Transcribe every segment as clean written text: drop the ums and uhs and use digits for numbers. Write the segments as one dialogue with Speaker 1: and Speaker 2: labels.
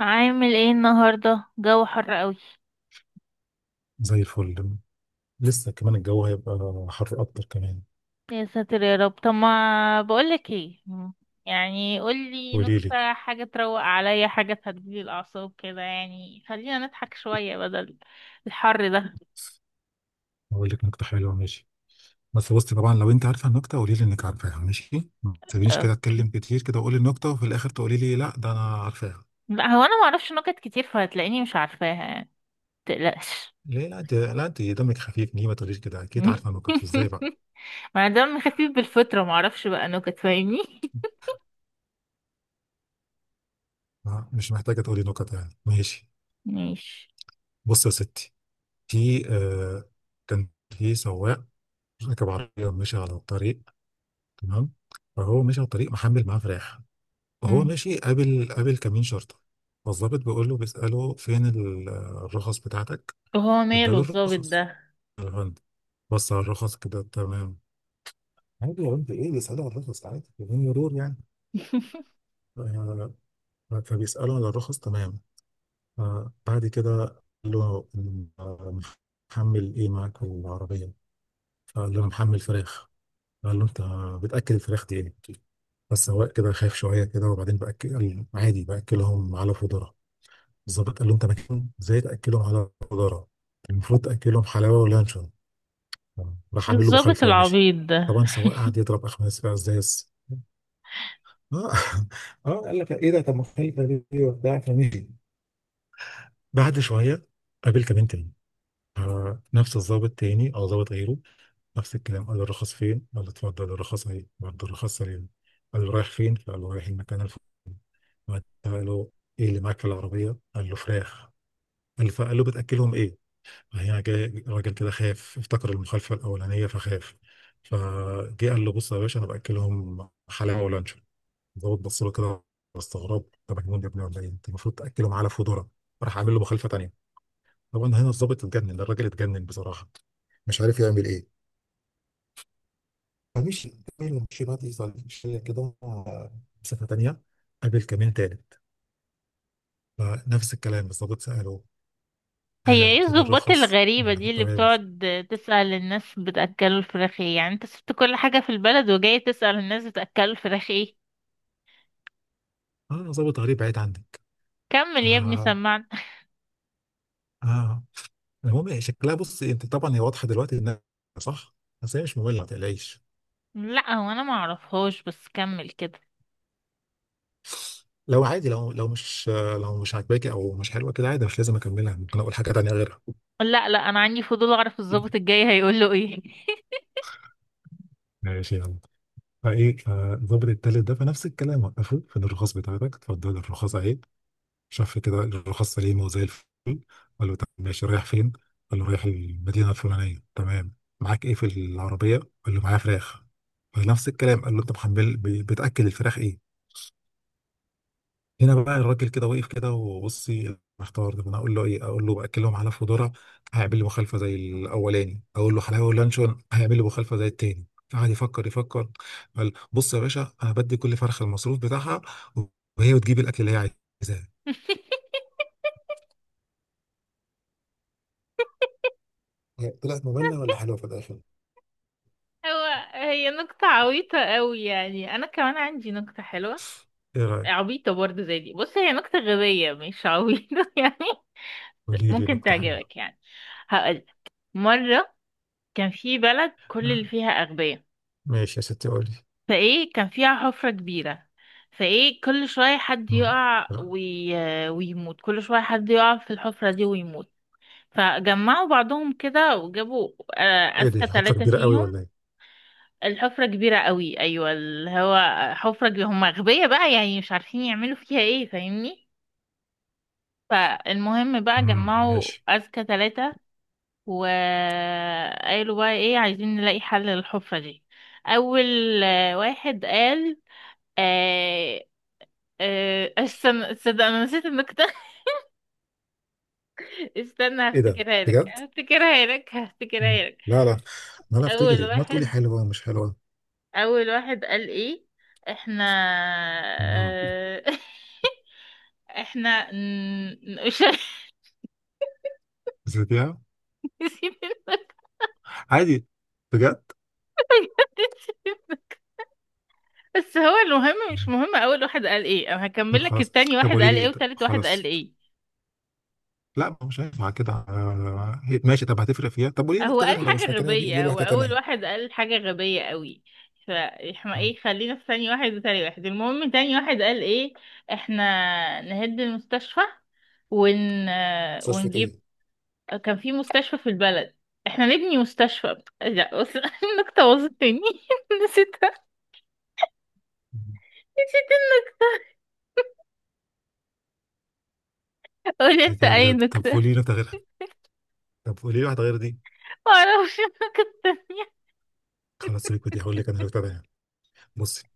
Speaker 1: عامل ايه النهارده؟ جو حر قوي.
Speaker 2: زي الفل. لسه كمان الجو هيبقى حر اكتر كمان.
Speaker 1: يا ساتر يا رب، طب ما بقولك ايه، يعني قولي
Speaker 2: قولي لي.
Speaker 1: نكتة، حاجة تروق عليا، حاجة تهديلي الأعصاب كده، يعني خلينا نضحك شوية بدل الحر ده.
Speaker 2: اقول لك نكته حلوه، ماشي. بس بصي، طبعا لو انت عارفه النكته قولي لي انك عارفاها، ماشي؟ ما تسيبنيش كده
Speaker 1: اوكي.
Speaker 2: اتكلم كتير كده واقول النكته وفي الاخر تقولي لي لا ده انا عارفاها.
Speaker 1: لا، هو انا معرفش نكت كتير، فهتلاقيني مش عارفاها يعني، متقلقش.
Speaker 2: ليه؟ لا انت دمك خفيف، ليه ما تقوليش كده اكيد عارفه النكت ازاي بقى؟
Speaker 1: ما دام خفيف بالفطرة معرفش بقى نكت، فاهمني؟
Speaker 2: آه، مش محتاجه تقولي نكت يعني، ماشي.
Speaker 1: ماشي.
Speaker 2: بصي يا ستي، في آه كان في سواق راكب عربيه ومشي على الطريق، تمام؟ فهو مشي على الطريق محمل معاه فراخ. هو
Speaker 1: مم.
Speaker 2: ماشي، قابل كمين شرطة. فالظابط بيقول له، بيسأله: فين الرخص بتاعتك؟
Speaker 1: هو ماله
Speaker 2: اداله
Speaker 1: الظابط ده؟
Speaker 2: الرخص. يا فندم، بص على الرخص كده، تمام. عادي يا بنت ايه، بيسأله على الرخص عادي بدون مرور يعني. آه، فبيسأله على الرخص، تمام. بعد كده قال له: آه، محمل ايه معاك في العربية؟ فقال له: أنا محمل فراخ. قال له: انت بتأكل الفراخ دي ايه؟ بس هو كده خايف شوية كده، وبعدين بأكل عادي، بأكلهم على فودرة. الظابط قال لهم: طب كان ازاي تاكلهم على الجدارة؟ المفروض تاكلهم حلاوه ولانشون. راح عامل له
Speaker 1: الظابط
Speaker 2: مخالفه ومشي.
Speaker 1: العبيط ده.
Speaker 2: طبعا السواق قعد يضرب اخماس بقى ازاز. اه اه قال لك ايه ده، طب مخالفه دي وبتاع، فمشي. بعد شويه قابل كمان تاني، نفس الظابط تاني او ظابط غيره. نفس الكلام، قال له: الرخص فين؟ قال له: اتفضل الرخص اهي. بعد الرخص سليم قال له: رايح فين؟ فقال له: رايح المكان الفلاني. قال له: ايه اللي معاك في العربيه؟ قال له: فراخ. قال له، فقال له: بتاكلهم ايه؟ هنا جاي راجل كده خاف، افتكر المخالفة الأولانية فخاف، فجه قال له: بص يا باشا، أنا بأكلهم حلاوة ولانشون. الضابط بص له كده باستغراب: أنت مجنون يا ابني ولا إيه؟ أنت المفروض تأكلهم على فودرة. راح عامل له مخالفة تانية. طبعا هنا الضابط اتجنن، الراجل اتجنن بصراحة، مش عارف يعمل إيه. فمشي، مشي بقى، مشي كده مسافة تانية. قابل كمين تالت، فنفس الكلام، الضابط سأله:
Speaker 1: هي ايه
Speaker 2: فين
Speaker 1: الضباط
Speaker 2: الرخص؟ قال له:
Speaker 1: الغريبة
Speaker 2: أنا،
Speaker 1: دي
Speaker 2: كنت
Speaker 1: اللي
Speaker 2: تمام.
Speaker 1: بتقعد تسأل الناس بتأكلوا الفراخ ايه؟ يعني انت سبت كل حاجة في البلد وجاي تسأل الناس بتأكلوا الفراخ ايه؟
Speaker 2: آه، ضابط غريب بعيد عنك.
Speaker 1: كمل
Speaker 2: ف
Speaker 1: يا ابني، سمعنا.
Speaker 2: آه المهم هي شكلها، بص انت طبعا، هي واضحه دلوقتي انها صح، بس هي مش ممله ما تقلقيش.
Speaker 1: لا، هو انا ما اعرفهاش، بس كمل كده.
Speaker 2: لو عادي، لو مش عاجباكي او مش حلوه كده عادي، مش لازم اكملها، ممكن اقول حاجه تانيه غيرها.
Speaker 1: لا لا، انا عندي فضول اعرف الضابط الجاي هيقول له ايه.
Speaker 2: ماشي، يلا. فايه، فالظابط التالت ده، فنفس الكلام وقفه: فين الرخص بتاعتك؟ اتفضل الرخص اهي. شاف كده الرخص سليمه وزي الفل. قال له: طب ماشي، رايح فين؟ قال له: رايح المدينه الفلانيه، تمام. معاك ايه في العربيه؟ قال له: معايا فراخ. فنفس الكلام قال له: انت محمل بتاكل الفراخ ايه؟ هنا بقى الراجل كده واقف كده وبصي محتار: طب انا اقول له ايه؟ اقول له باكلهم على فودورة، هيعمل لي مخالفه زي الاولاني. اقول له حلاوه ولانشون، هيعمل لي مخالفه زي التاني. قعد يفكر يفكر، قال: بص يا باشا، انا بدي كل فرخه المصروف بتاعها وهي بتجيب الاكل اللي هي عايزاه. طلعت مملة ولا حلوة في الآخر؟
Speaker 1: هو هي نكتة عبيطة قوي يعني، انا كمان عندي نكتة حلوة،
Speaker 2: ايه رايك؟
Speaker 1: عبيطة برضه زي دي. بص، هي نكتة غبية مش عبيطة يعني،
Speaker 2: قولي لي
Speaker 1: ممكن
Speaker 2: نقطه حلوه.
Speaker 1: تعجبك يعني. هقول، مرة كان في بلد كل
Speaker 2: آه،
Speaker 1: اللي فيها أغبياء.
Speaker 2: ماشي يا ستي، قولي.
Speaker 1: فإيه كان فيها حفرة كبيرة، فإيه كل شوية حد
Speaker 2: مم.
Speaker 1: يقع
Speaker 2: لا،
Speaker 1: ويموت. كل شوية حد يقع في الحفرة دي ويموت، فجمعوا بعضهم كده وجابوا
Speaker 2: ايه دي،
Speaker 1: أذكى
Speaker 2: حفره
Speaker 1: 3
Speaker 2: كبيره قوي
Speaker 1: فيهم.
Speaker 2: ولا ايه؟
Speaker 1: الحفرة كبيرة قوي، أيوة، اللي هو حفرة كبيرة. هم أغبياء بقى، يعني مش عارفين يعملوا فيها إيه، فاهمني؟ فالمهم بقى
Speaker 2: مم،
Speaker 1: جمعوا
Speaker 2: ماشي.
Speaker 1: أذكى 3 وقالوا بقى ايه، عايزين نلاقي حل للحفرة دي. اول واحد قال، آه استنى، تصدق انا نسيت النكتة؟ استنى
Speaker 2: إيه ده؟
Speaker 1: هفتكرها لك
Speaker 2: بجد؟
Speaker 1: هفتكرها لك
Speaker 2: مم.
Speaker 1: هفتكرها لك.
Speaker 2: لا، لا. ما أنا أفتكر
Speaker 1: اول
Speaker 2: إيه؟ ما تقولي
Speaker 1: واحد،
Speaker 2: حلوة ومش حلوة.
Speaker 1: اول واحد قال ايه؟ احنا
Speaker 2: نعم.
Speaker 1: آه احنا مش
Speaker 2: بذاتها،
Speaker 1: نسيت النكتة.
Speaker 2: عادي، بجد.
Speaker 1: بس هو المهم مش مهم اول واحد قال ايه، انا
Speaker 2: طب
Speaker 1: هكمل لك
Speaker 2: خلاص،
Speaker 1: التاني
Speaker 2: طب
Speaker 1: واحد
Speaker 2: قولي
Speaker 1: قال ايه
Speaker 2: لي، طب
Speaker 1: وتالت واحد قال
Speaker 2: خلاص.
Speaker 1: ايه.
Speaker 2: لا، ما هو مش هينفع كده. ماشي، طب هتفرق فيها، طب قولي لي
Speaker 1: هو
Speaker 2: نكته
Speaker 1: قال
Speaker 2: غيرها لو مش
Speaker 1: حاجة
Speaker 2: فاكرها دي، قولي
Speaker 1: غبية،
Speaker 2: لي
Speaker 1: هو
Speaker 2: واحده
Speaker 1: أول
Speaker 2: تانيه.
Speaker 1: واحد قال حاجة غبية قوي، فاحنا
Speaker 2: آه.
Speaker 1: ايه، خلينا في ثاني واحد. وتاني واحد المهم، تاني واحد قال ايه؟ احنا نهد المستشفى ون... آه،
Speaker 2: صرف
Speaker 1: ونجيب،
Speaker 2: ايه؟
Speaker 1: كان في مستشفى في البلد، احنا نبني مستشفى. لا بص النكتة باظت مني نسيتها، نسيت. قول انت
Speaker 2: بذاتها،
Speaker 1: اي
Speaker 2: بجد، طب
Speaker 1: نكتة.
Speaker 2: قولي لي نكته غيرها، طب قولي لي واحده غير دي.
Speaker 1: معرفش النكتة التانية.
Speaker 2: خلاص سيبك من دي، هقول لك انا نكته تانيه. بصي،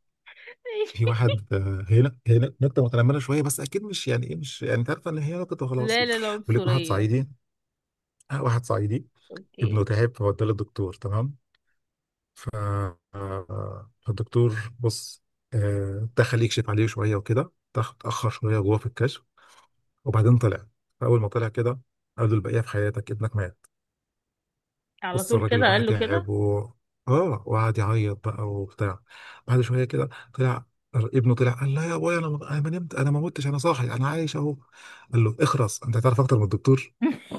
Speaker 2: في واحد، هنا نكته متنمره شويه، بس اكيد مش يعني، ايه، مش يعني، انت عارفه ان هي نكته وخلاص.
Speaker 1: لا لا،
Speaker 2: بيقول لك واحد
Speaker 1: العنصرية.
Speaker 2: صعيدي. آه، واحد صعيدي
Speaker 1: اوكي.
Speaker 2: ابنه تعب، فوداه للدكتور، تمام. ف... فالدكتور بص، آه، دخل يكشف عليه شويه وكده، اتاخر شويه جوه في الكشف، وبعدين طلع. فاول ما طلع كده قال له: البقيه في حياتك، ابنك مات.
Speaker 1: على
Speaker 2: بص
Speaker 1: طول
Speaker 2: الراجل
Speaker 1: كده
Speaker 2: بقى
Speaker 1: قال له
Speaker 2: تعب،
Speaker 1: كده؟
Speaker 2: و اه وقعد يعيط بقى وبتاع. بعد شويه كده طلع ابنه، طلع قال: لا يا ابويا، انا ما نمت، انا ما متش، انا صاحي، انا عايش اهو. قال له: اخرس، انت هتعرف اكتر من الدكتور؟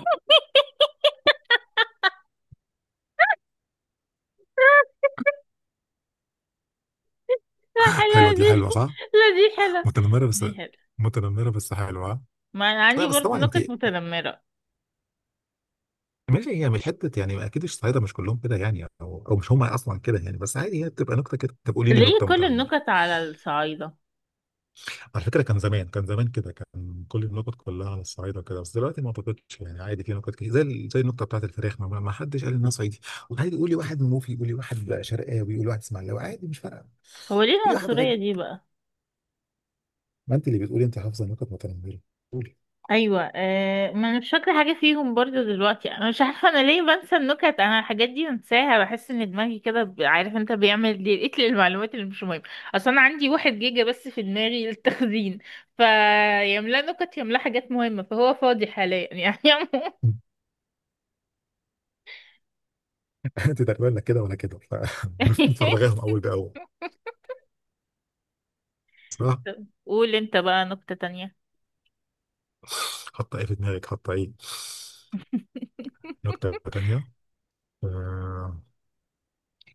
Speaker 1: لا،
Speaker 2: حلوه
Speaker 1: حلوة
Speaker 2: دي،
Speaker 1: دي.
Speaker 2: حلوه صح؟
Speaker 1: لا، دي حلوة.
Speaker 2: متنمره بس،
Speaker 1: دي حلوة.
Speaker 2: متنمره بس حلوه، ها؟
Speaker 1: ما أنا
Speaker 2: لا
Speaker 1: عندي
Speaker 2: بس
Speaker 1: برضه
Speaker 2: طبعا انت،
Speaker 1: نكت متنمرة.
Speaker 2: ماشي، هي مش حته يعني، اكيد الصعايده مش كلهم كده يعني، او او مش هم اصلا كده يعني، بس عادي هي بتبقى نكته كده. طب قولي لي
Speaker 1: ليه
Speaker 2: نكته
Speaker 1: كل
Speaker 2: متنمره.
Speaker 1: النكت على الصعايدة؟
Speaker 2: على فكره، كان زمان كده كان كل النكت كلها على الصعايده كده، بس دلوقتي ما اعتقدش، يعني عادي في نكت كتير، زي زي النكته بتاعت الفراخ ما حدش قال انها صعيدي. وعادي قولي واحد منوفي، قولي واحد شرقاوي، قولي واحد اسماعيلاوي، عادي مش فارقه.
Speaker 1: هو ليه
Speaker 2: قولي واحد غبي.
Speaker 1: العنصرية دي بقى؟
Speaker 2: ما انت اللي بتقولي انت حافظه نكت متنمره، قولي.
Speaker 1: أيوة، ما أنا مش فاكرة حاجة فيهم برضه دلوقتي. أنا مش عارفة أنا ليه بنسى النكت. أنا الحاجات دي بنساها، بحس إن دماغي كده عارف أنت، بيعمل ديليت للمعلومات اللي مش مهمة. أصل أنا عندي 1 جيجا بس في دماغي للتخزين، فيملا نكت يملا حاجات مهمة، فهو فاضي حاليا يعني.
Speaker 2: انت تقريبا لا كده ولا كده فمفرغاهم
Speaker 1: عموما،
Speaker 2: اول باول. صح.
Speaker 1: قول أنت بقى نكتة تانية.
Speaker 2: حط ايه في دماغك، حط ايه؟ نكته تانيه. آه،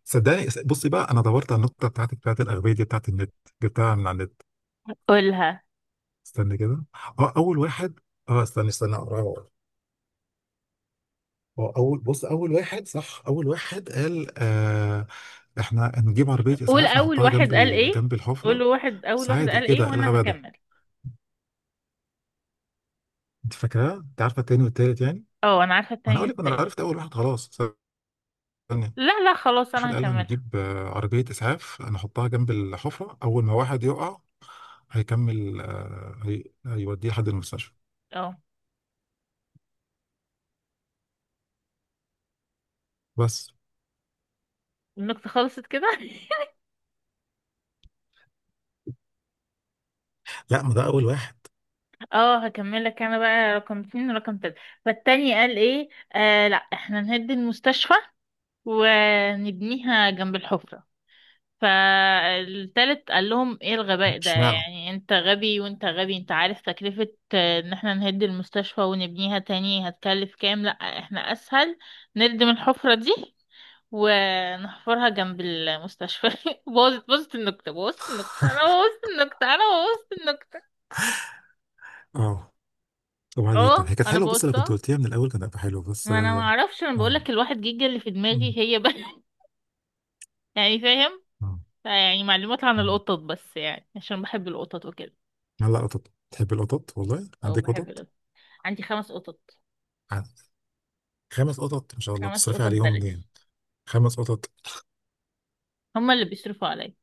Speaker 2: صدقني، بصي بقى، انا دورت على النقطه بتاعتك بتاعت الاغبيه دي بتاعت النت، جبتها من على النت.
Speaker 1: قولها.
Speaker 2: استني كده. اه اول واحد، استني اقراها وأقول. هو اول، بص، اول واحد، صح، اول واحد قال: احنا نجيب عربيه
Speaker 1: قول
Speaker 2: اسعاف
Speaker 1: اول
Speaker 2: نحطها
Speaker 1: واحد
Speaker 2: جنب
Speaker 1: قال ايه،
Speaker 2: جنب
Speaker 1: قول
Speaker 2: الحفره.
Speaker 1: واحد
Speaker 2: بس
Speaker 1: اول واحد
Speaker 2: عادي
Speaker 1: قال
Speaker 2: ايه
Speaker 1: ايه
Speaker 2: ده، إيه
Speaker 1: وانا
Speaker 2: الغباء ده؟
Speaker 1: هكمل.
Speaker 2: انت فاكراه؟ انت عارفه التاني والتالت يعني؟
Speaker 1: اه انا عارفه
Speaker 2: ما انا
Speaker 1: التاني
Speaker 2: اقول لك، ما انا
Speaker 1: والتالت.
Speaker 2: عرفت اول واحد خلاص. استني.
Speaker 1: لا لا خلاص، انا
Speaker 2: واحد قال:
Speaker 1: هكملها.
Speaker 2: هنجيب آه، عربية إسعاف هنحطها جنب الحفرة، أول ما واحد يقع هيكمل هيوديه لحد المستشفى.
Speaker 1: اه،
Speaker 2: بس.
Speaker 1: النكتة خلصت كده؟
Speaker 2: لا، ما ده اول واحد.
Speaker 1: اه، هكمل لك انا بقى رقم 2 ورقم 3. فالتاني قال ايه؟ لا، احنا نهد المستشفى ونبنيها جنب الحفرة. فالتالت قال لهم ايه الغباء ده،
Speaker 2: اشمعنى؟
Speaker 1: يعني انت غبي وانت غبي؟ انت عارف تكلفة ان احنا نهد المستشفى ونبنيها تاني هتكلف كام؟ لا، احنا اسهل نردم الحفرة دي ونحفرها جنب المستشفى. بوظت بوظت النكتة، بوظت النكتة، انا بوظت النكتة، انا بوظت النكتة.
Speaker 2: اه. وبعدين طب
Speaker 1: اه
Speaker 2: هي كانت
Speaker 1: انا
Speaker 2: حلوه، بص لو كنت
Speaker 1: بوظتها،
Speaker 2: قلتيها من الاول كان هيبقى حلو، بس
Speaker 1: ما انا ما
Speaker 2: اه.
Speaker 1: اعرفش، انا
Speaker 2: اه.
Speaker 1: بقولك الواحد جيجا اللي في
Speaker 2: مم.
Speaker 1: دماغي هي بس. يعني فاهم؟
Speaker 2: آه.
Speaker 1: يعني معلومات عن
Speaker 2: مم.
Speaker 1: القطط بس، يعني عشان بحب القطط وكده،
Speaker 2: هلا قطط، تحب القطط، والله؟
Speaker 1: او
Speaker 2: عندك
Speaker 1: بحب
Speaker 2: قطط؟
Speaker 1: القطط. عندي 5 قطط،
Speaker 2: عن-. 5 قطط، ما شاء الله،
Speaker 1: خمس
Speaker 2: بتصرفي
Speaker 1: قطط
Speaker 2: عليهم
Speaker 1: بلدي.
Speaker 2: منين؟ 5 قطط.
Speaker 1: هما اللي بيصرفوا عليا.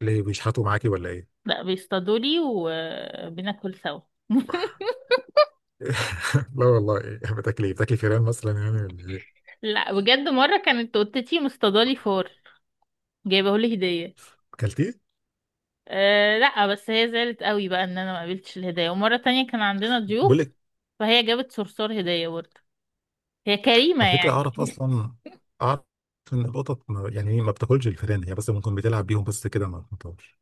Speaker 2: ليه، بيشحتوا معاكي ولا ايه؟
Speaker 1: لا، بيصطادوا لي وبناكل سوا.
Speaker 2: لا والله، إيه؟ بتاكلي، بتاكلي فيران مثلا يعني ولا ايه؟
Speaker 1: لا بجد، مرة كانت قطتي مصطادالي فار، جايبه لي هدية.
Speaker 2: اكلتيه؟
Speaker 1: أه لا، بس هي زعلت قوي بقى ان انا ما قابلتش الهدية. ومرة تانية كان عندنا ضيوف
Speaker 2: بقول لك،
Speaker 1: فهي جابت صرصار هدية برضه، هي كريمة
Speaker 2: على فكرة،
Speaker 1: يعني.
Speaker 2: أعرف أصلا، أعرف إن القطط يعني إيه، ما بتاكلش الفئران هي، بس ممكن بتلعب بيهم بس كده، ما بتطورش.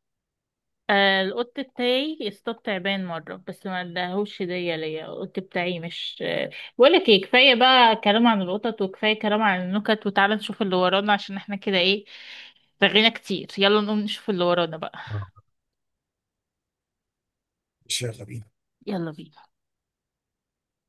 Speaker 1: القط بتاعي اصطاد تعبان مرة بس ما اداهوش هدية ليا. القط بتاعي مش بقولك ايه، كفاية بقى كلام عن القطط، وكفاية كلام عن النكت، وتعالى نشوف اللي ورانا، عشان احنا كده ايه، رغينا كتير. يلا نقوم نشوف اللي ورانا بقى.
Speaker 2: اه، ماشي، يلا بينا.
Speaker 1: يلا بينا.